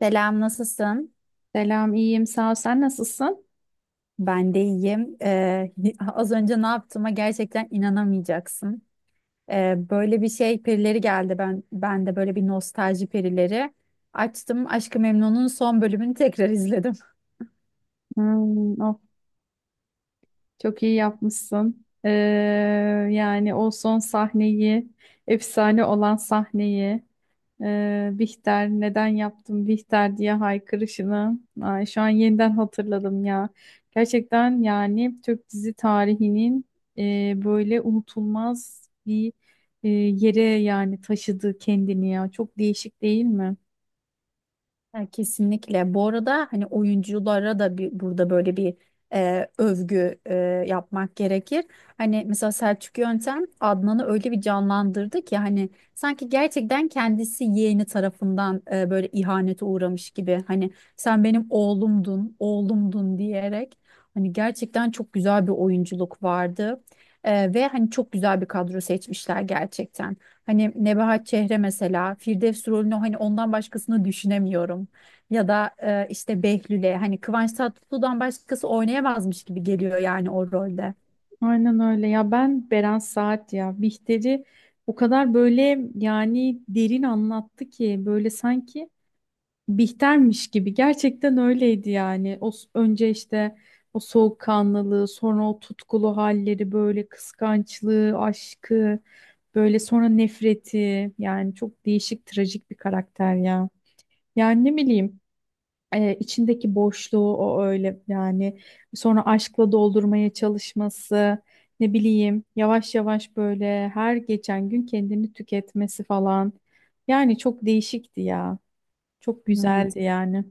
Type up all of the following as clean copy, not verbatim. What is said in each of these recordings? Selam, nasılsın? Selam, iyiyim. Sağ ol. Sen nasılsın? Ben de iyiyim. Az önce ne yaptığıma gerçekten inanamayacaksın. Böyle bir şey perileri geldi. Ben de böyle bir nostalji perileri açtım. Aşk-ı Memnu'nun son bölümünü tekrar izledim. Hmm, of, çok iyi yapmışsın. Yani o son sahneyi, efsane olan sahneyi, Bihter neden yaptım Bihter diye haykırışını. Ay, şu an yeniden hatırladım ya. Gerçekten yani Türk dizi tarihinin böyle unutulmaz bir yere yani taşıdı kendini ya. Çok değişik değil mi? Ya kesinlikle. Bu arada hani oyunculara da bir, burada böyle bir övgü yapmak gerekir. Hani mesela Selçuk Yöntem Adnan'ı öyle bir canlandırdı ki hani sanki gerçekten kendisi yeğeni tarafından böyle ihanete uğramış gibi. Hani sen benim oğlumdun, oğlumdun diyerek. Hani gerçekten çok güzel bir oyunculuk vardı. Ve hani çok güzel bir kadro seçmişler gerçekten. Hani Nebahat Çehre mesela Firdevs rolünü hani ondan başkasını düşünemiyorum. Ya da işte Behlül'e hani Kıvanç Tatlıtuğ'dan başkası oynayamazmış gibi geliyor yani o rolde. Aynen öyle ya, ben Beren Saat ya Bihter'i o kadar böyle yani derin anlattı ki, böyle sanki Bihter'miş gibi gerçekten öyleydi yani. Önce işte o soğukkanlılığı, sonra o tutkulu halleri, böyle kıskançlığı, aşkı, böyle sonra nefreti, yani çok değişik trajik bir karakter ya. Yani ne bileyim, içindeki boşluğu o öyle yani sonra aşkla doldurmaya çalışması, ne bileyim yavaş yavaş böyle her geçen gün kendini tüketmesi falan. Yani çok değişikti ya, çok Hmm. güzeldi yani.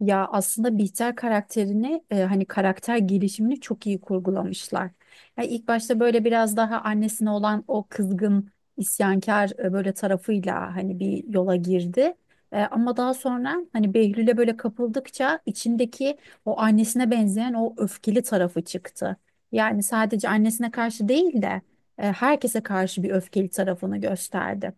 Ya aslında Bihter karakterini hani karakter gelişimini çok iyi kurgulamışlar. Ya ilk başta böyle biraz daha annesine olan o kızgın isyankar böyle tarafıyla hani bir yola girdi. E, ama daha sonra hani Behlül'e böyle kapıldıkça içindeki o annesine benzeyen o öfkeli tarafı çıktı. Yani sadece annesine karşı değil de herkese karşı bir öfkeli tarafını gösterdi.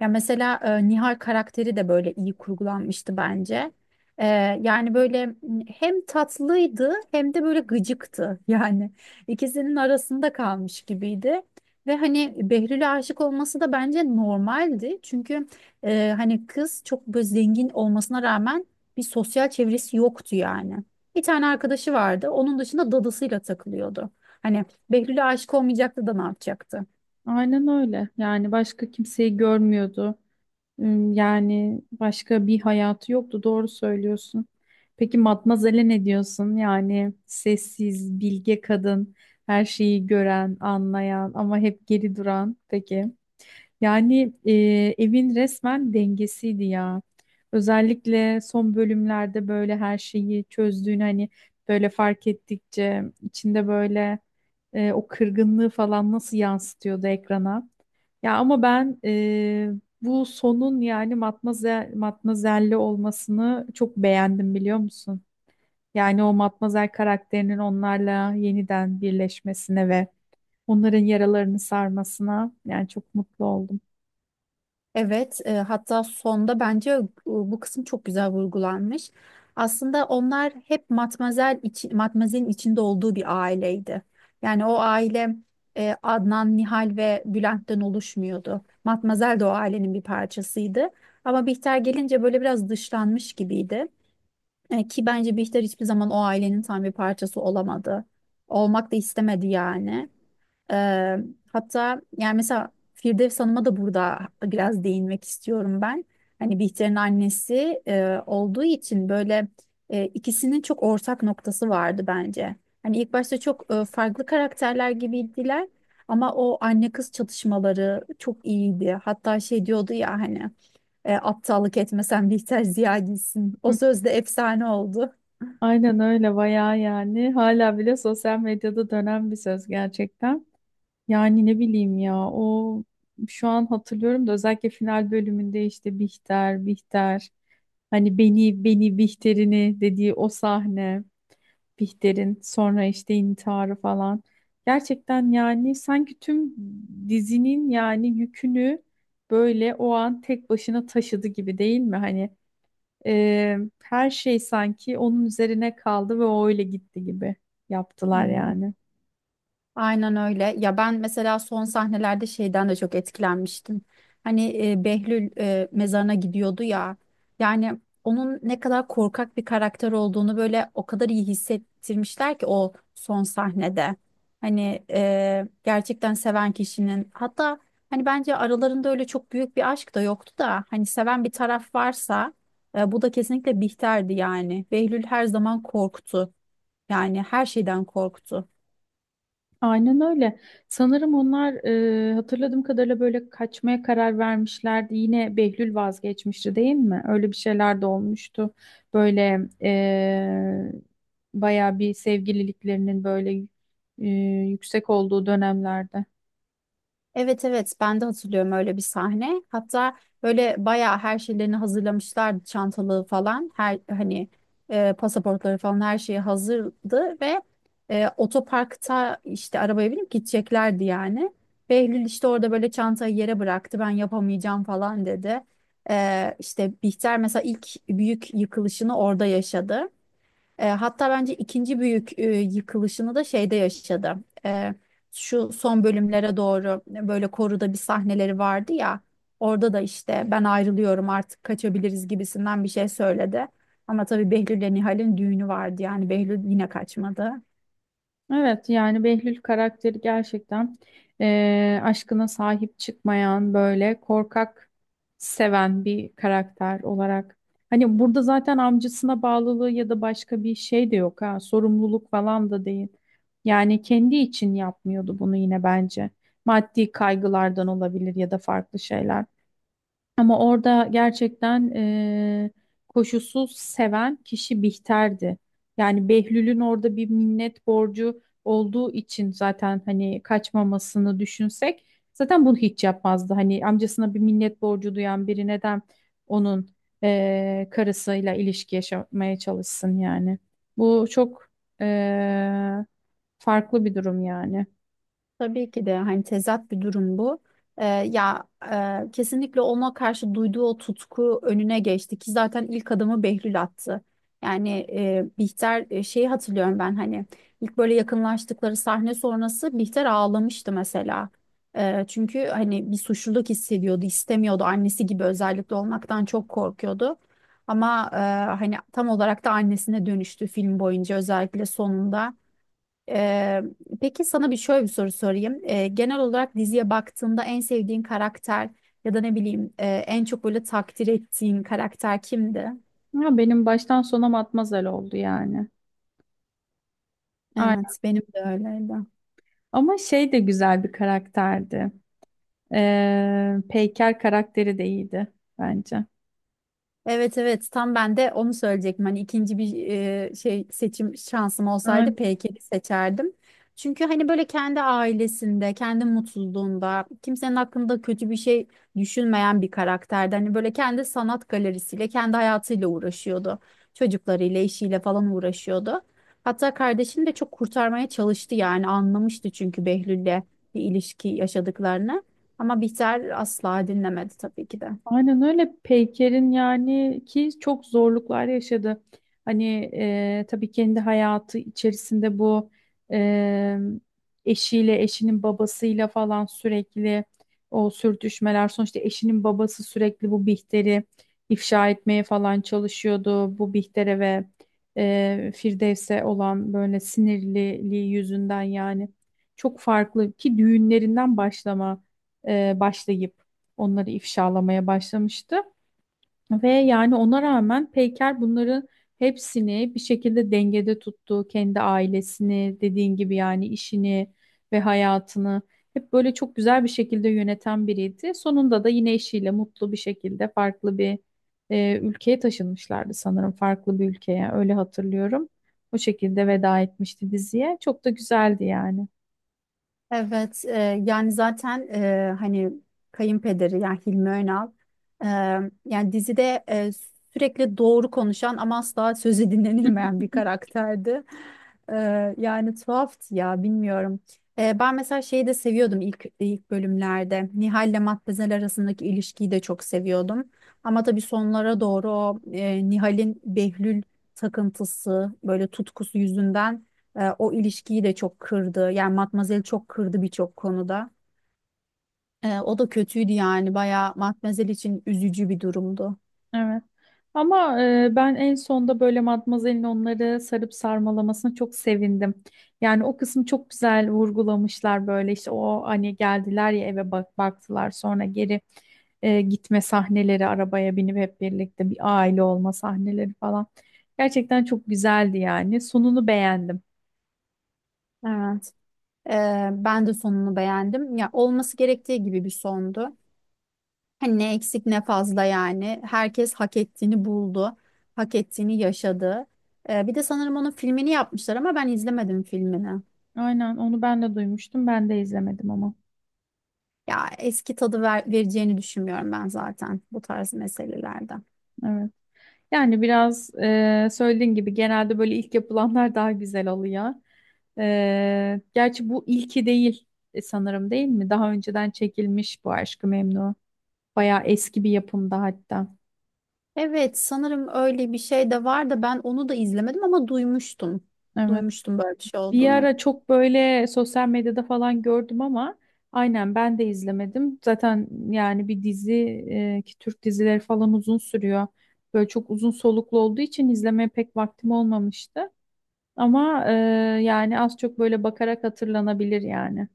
Ya mesela Nihal karakteri de böyle iyi kurgulanmıştı bence. E, Yani böyle hem tatlıydı hem de böyle gıcıktı. Yani ikisinin arasında kalmış gibiydi. Ve hani Behlül'e aşık olması da bence normaldi. Çünkü hani kız çok böyle zengin olmasına rağmen bir sosyal çevresi yoktu yani. Bir tane arkadaşı vardı. Onun dışında dadısıyla takılıyordu. Hani Behlül'e aşık olmayacaktı da ne yapacaktı? Aynen öyle, yani başka kimseyi görmüyordu. Hmm, yani başka bir hayatı yoktu. Doğru söylüyorsun. Peki Matmazel'e ne diyorsun? Yani sessiz, bilge kadın, her şeyi gören, anlayan ama hep geri duran. Peki. Yani, evin resmen dengesiydi ya. Özellikle son bölümlerde böyle her şeyi çözdüğünü hani böyle fark ettikçe içinde böyle, o kırgınlığı falan nasıl yansıtıyordu ekrana. Ya ama ben, bu sonun yani matmazel, matmazelli olmasını çok beğendim biliyor musun? Yani o matmazel karakterinin onlarla yeniden birleşmesine ve onların yaralarını sarmasına yani çok mutlu oldum. Evet, hatta sonda bence bu kısım çok güzel vurgulanmış. Aslında onlar hep Matmazel içi, Matmazel'in içinde olduğu bir aileydi. Yani o aile Adnan, Nihal ve Bülent'ten oluşmuyordu. Matmazel de o ailenin bir parçasıydı. Ama Bihter gelince böyle biraz dışlanmış gibiydi. E, ki bence Bihter hiçbir zaman o ailenin tam bir parçası olamadı. Olmak da istemedi yani. Ee, Hatta yani mesela Firdevs Hanım'a da burada biraz değinmek istiyorum ben. Hani Bihter'in annesi olduğu için böyle ikisinin çok ortak noktası vardı bence. Hani ilk başta çok farklı karakterler gibiydiler ama o anne kız çatışmaları çok iyiydi. Hatta şey diyordu ya hani aptallık etmesen Bihter Ziya gitsin. O Hı. söz de efsane oldu. Aynen öyle, bayağı yani hala bile sosyal medyada dönen bir söz gerçekten. Yani ne bileyim ya, o şu an hatırlıyorum da, özellikle final bölümünde işte Bihter, Bihter hani beni Bihter'ini dediği o sahne, Bihter'in sonra işte intiharı falan. Gerçekten yani sanki tüm dizinin yani yükünü böyle o an tek başına taşıdı gibi değil mi? Hani, her şey sanki onun üzerine kaldı ve o öyle gitti gibi yaptılar Hmm. yani. Aynen öyle. Ya ben mesela son sahnelerde şeyden de çok etkilenmiştim. Hani Behlül mezarına gidiyordu ya. Yani onun ne kadar korkak bir karakter olduğunu böyle o kadar iyi hissettirmişler ki o son sahnede. Hani gerçekten seven kişinin hatta hani bence aralarında öyle çok büyük bir aşk da yoktu da hani seven bir taraf varsa bu da kesinlikle Bihter'di yani. Behlül her zaman korktu. Yani her şeyden korktu. Aynen öyle. Sanırım onlar, hatırladığım kadarıyla böyle kaçmaya karar vermişlerdi. Yine Behlül vazgeçmişti değil mi? Öyle bir şeyler de olmuştu. Böyle, bayağı bir sevgililiklerinin böyle, e, yüksek olduğu dönemlerde. Evet, evet, ben de hatırlıyorum öyle bir sahne. Hatta böyle bayağı her şeylerini hazırlamışlardı çantalığı falan. Her hani pasaportları falan her şeyi hazırdı ve otoparkta işte arabaya binip gideceklerdi yani. Behlül işte orada böyle çantayı yere bıraktı ben yapamayacağım falan dedi. E, işte Bihter mesela ilk büyük yıkılışını orada yaşadı. E, hatta bence ikinci büyük yıkılışını da şeyde yaşadı. E, Şu son bölümlere doğru böyle koruda bir sahneleri vardı ya. Orada da işte ben ayrılıyorum artık kaçabiliriz gibisinden bir şey söyledi. Ama tabii Behlül ile Nihal'in düğünü vardı yani Behlül yine kaçmadı. Evet, yani Behlül karakteri gerçekten, aşkına sahip çıkmayan, böyle korkak, seven bir karakter olarak. Hani burada zaten amcasına bağlılığı ya da başka bir şey de yok, ha sorumluluk falan da değil. Yani kendi için yapmıyordu bunu, yine bence. Maddi kaygılardan olabilir ya da farklı şeyler. Ama orada gerçekten, koşulsuz seven kişi Bihter'di. Yani Behlül'ün orada bir minnet borcu olduğu için zaten hani kaçmamasını düşünsek, zaten bunu hiç yapmazdı. Hani amcasına bir minnet borcu duyan biri neden onun, karısıyla ilişki yaşamaya çalışsın yani. Bu çok, eee, farklı bir durum yani. Tabii ki de hani tezat bir durum bu. Ya kesinlikle ona karşı duyduğu o tutku önüne geçti ki zaten ilk adımı Behlül attı. Yani Bihter şeyi hatırlıyorum ben hani ilk böyle yakınlaştıkları sahne sonrası Bihter ağlamıştı mesela. Çünkü hani bir suçluluk hissediyordu, istemiyordu annesi gibi özellikle olmaktan çok korkuyordu. Ama hani tam olarak da annesine dönüştü film boyunca özellikle sonunda. Ee, peki sana bir şöyle bir soru sorayım. Genel olarak diziye baktığında en sevdiğin karakter ya da ne bileyim en çok böyle takdir ettiğin karakter kimdi? Ama benim baştan sona matmazel oldu yani. Evet, benim de öyleydi. Ama şey de güzel bir karakterdi. Peyker karakteri de iyiydi bence. Evet, evet, tam ben de onu söyleyecektim. Hani ikinci bir şey seçim şansım olsaydı Peyker'i seçerdim. Çünkü hani böyle kendi ailesinde, kendi mutluluğunda, kimsenin hakkında kötü bir şey düşünmeyen bir karakterdi. Hani böyle kendi sanat galerisiyle, kendi hayatıyla uğraşıyordu. Çocuklarıyla, eşiyle falan uğraşıyordu. Hatta kardeşini de çok kurtarmaya çalıştı yani anlamıştı çünkü Behlül'le bir ilişki yaşadıklarını. Ama Bihter asla dinlemedi tabii ki de. Aynen öyle, Peyker'in yani ki çok zorluklar yaşadı. Hani, tabii kendi hayatı içerisinde bu, e, eşiyle, eşinin babasıyla falan sürekli o sürtüşmeler. Sonuçta eşinin babası sürekli bu Bihter'i ifşa etmeye falan çalışıyordu. Bu Bihter'e ve, Firdevs'e olan böyle sinirliliği yüzünden yani çok farklı ki, başlayıp onları ifşalamaya başlamıştı. Ve yani ona rağmen Peyker bunların hepsini bir şekilde dengede tuttu. Kendi ailesini, dediğin gibi yani işini ve hayatını hep böyle çok güzel bir şekilde yöneten biriydi. Sonunda da yine eşiyle mutlu bir şekilde farklı bir, ülkeye taşınmışlardı sanırım. Farklı bir ülkeye, öyle hatırlıyorum. O şekilde veda etmişti diziye. Çok da güzeldi yani. Evet, yani zaten hani kayınpederi yani Hilmi Önal e, yani dizide sürekli doğru konuşan ama asla sözü dinlenilmeyen bir karakterdi. E, Yani tuhaftı ya bilmiyorum. Ben mesela şeyi de seviyordum ilk bölümlerde. Nihal ile Matmazel arasındaki ilişkiyi de çok seviyordum. Ama tabii sonlara doğru o Nihal'in Behlül takıntısı böyle tutkusu yüzünden. O ilişkiyi de çok kırdı. Yani Matmazel çok kırdı birçok konuda. E, o da kötüydü yani. Bayağı Matmazel için üzücü bir durumdu. Evet. Ama, ben en sonda böyle Matmazel'in onları sarıp sarmalamasına çok sevindim. Yani o kısmı çok güzel vurgulamışlar, böyle işte o hani geldiler ya eve, baktılar sonra geri, gitme sahneleri, arabaya binip hep birlikte bir aile olma sahneleri falan. Gerçekten çok güzeldi yani. Sonunu beğendim. Evet. E, ben de sonunu beğendim. Ya olması gerektiği gibi bir sondu. Hani ne eksik ne fazla yani. Herkes hak ettiğini buldu. Hak ettiğini yaşadı. Bir de sanırım onun filmini yapmışlar ama ben izlemedim filmini. Aynen, onu ben de duymuştum. Ben de izlemedim ama. Ya eski tadı vereceğini düşünmüyorum ben zaten bu tarz meselelerde. Evet. Yani biraz, söylediğin gibi genelde böyle ilk yapılanlar daha güzel oluyor. E, gerçi bu ilki değil, sanırım değil mi? Daha önceden çekilmiş bu Aşk-ı Memnu. Bayağı eski bir yapımda hatta. Evet, sanırım öyle bir şey de var da ben onu da izlemedim ama duymuştum. Evet. Duymuştum böyle bir şey Bir olduğunu. ara çok böyle sosyal medyada falan gördüm ama aynen ben de izlemedim. Zaten yani bir dizi, ki Türk dizileri falan uzun sürüyor. Böyle çok uzun soluklu olduğu için izlemeye pek vaktim olmamıştı. Ama, yani az çok böyle bakarak hatırlanabilir yani.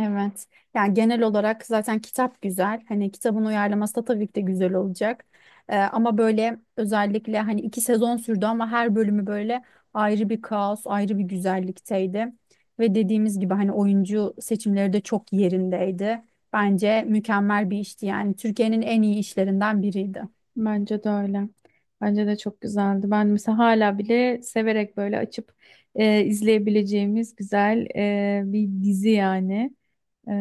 Evet. Yani genel olarak zaten kitap güzel. Hani kitabın uyarlaması da tabii ki de güzel olacak. Ama böyle özellikle hani iki sezon sürdü ama her bölümü böyle ayrı bir kaos, ayrı bir güzellikteydi. Ve dediğimiz gibi hani oyuncu seçimleri de çok yerindeydi. Bence mükemmel bir işti yani. Türkiye'nin en iyi işlerinden biriydi. Bence de öyle. Bence de çok güzeldi. Ben mesela hala bile severek böyle açıp, izleyebileceğimiz güzel, bir dizi yani. E,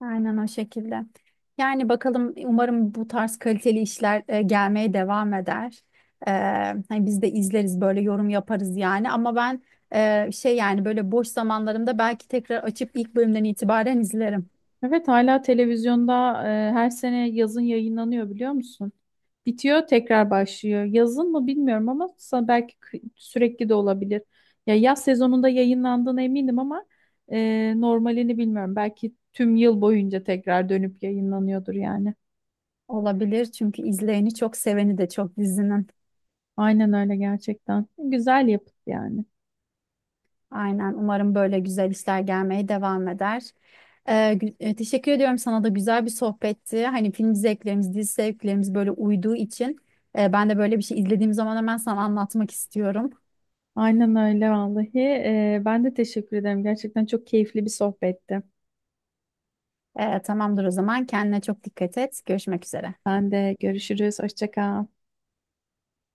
Aynen o şekilde. Yani bakalım umarım bu tarz kaliteli işler gelmeye devam eder. E, Hani biz de izleriz böyle yorum yaparız yani. Ama ben şey yani böyle boş zamanlarımda belki tekrar açıp ilk bölümden itibaren izlerim. evet, hala televizyonda, her sene yazın yayınlanıyor biliyor musun? Bitiyor tekrar başlıyor. Yazın mı bilmiyorum ama belki sürekli de olabilir. Ya yaz sezonunda yayınlandığına eminim ama, normalini bilmiyorum. Belki tüm yıl boyunca tekrar dönüp yayınlanıyordur yani. Olabilir çünkü izleyeni çok seveni de çok dizinin. Aynen öyle gerçekten. Güzel yapıt yani. Aynen. Umarım böyle güzel işler gelmeye devam eder. Teşekkür ediyorum sana da güzel bir sohbetti. Hani film zevklerimiz, dizi zevklerimiz böyle uyduğu için ben de böyle bir şey izlediğim zaman hemen sana anlatmak istiyorum. Aynen öyle vallahi. E, ben de teşekkür ederim. Gerçekten çok keyifli bir sohbetti. Tamamdır o zaman. Kendine çok dikkat et. Görüşmek üzere. Ben de görüşürüz. Hoşça kal.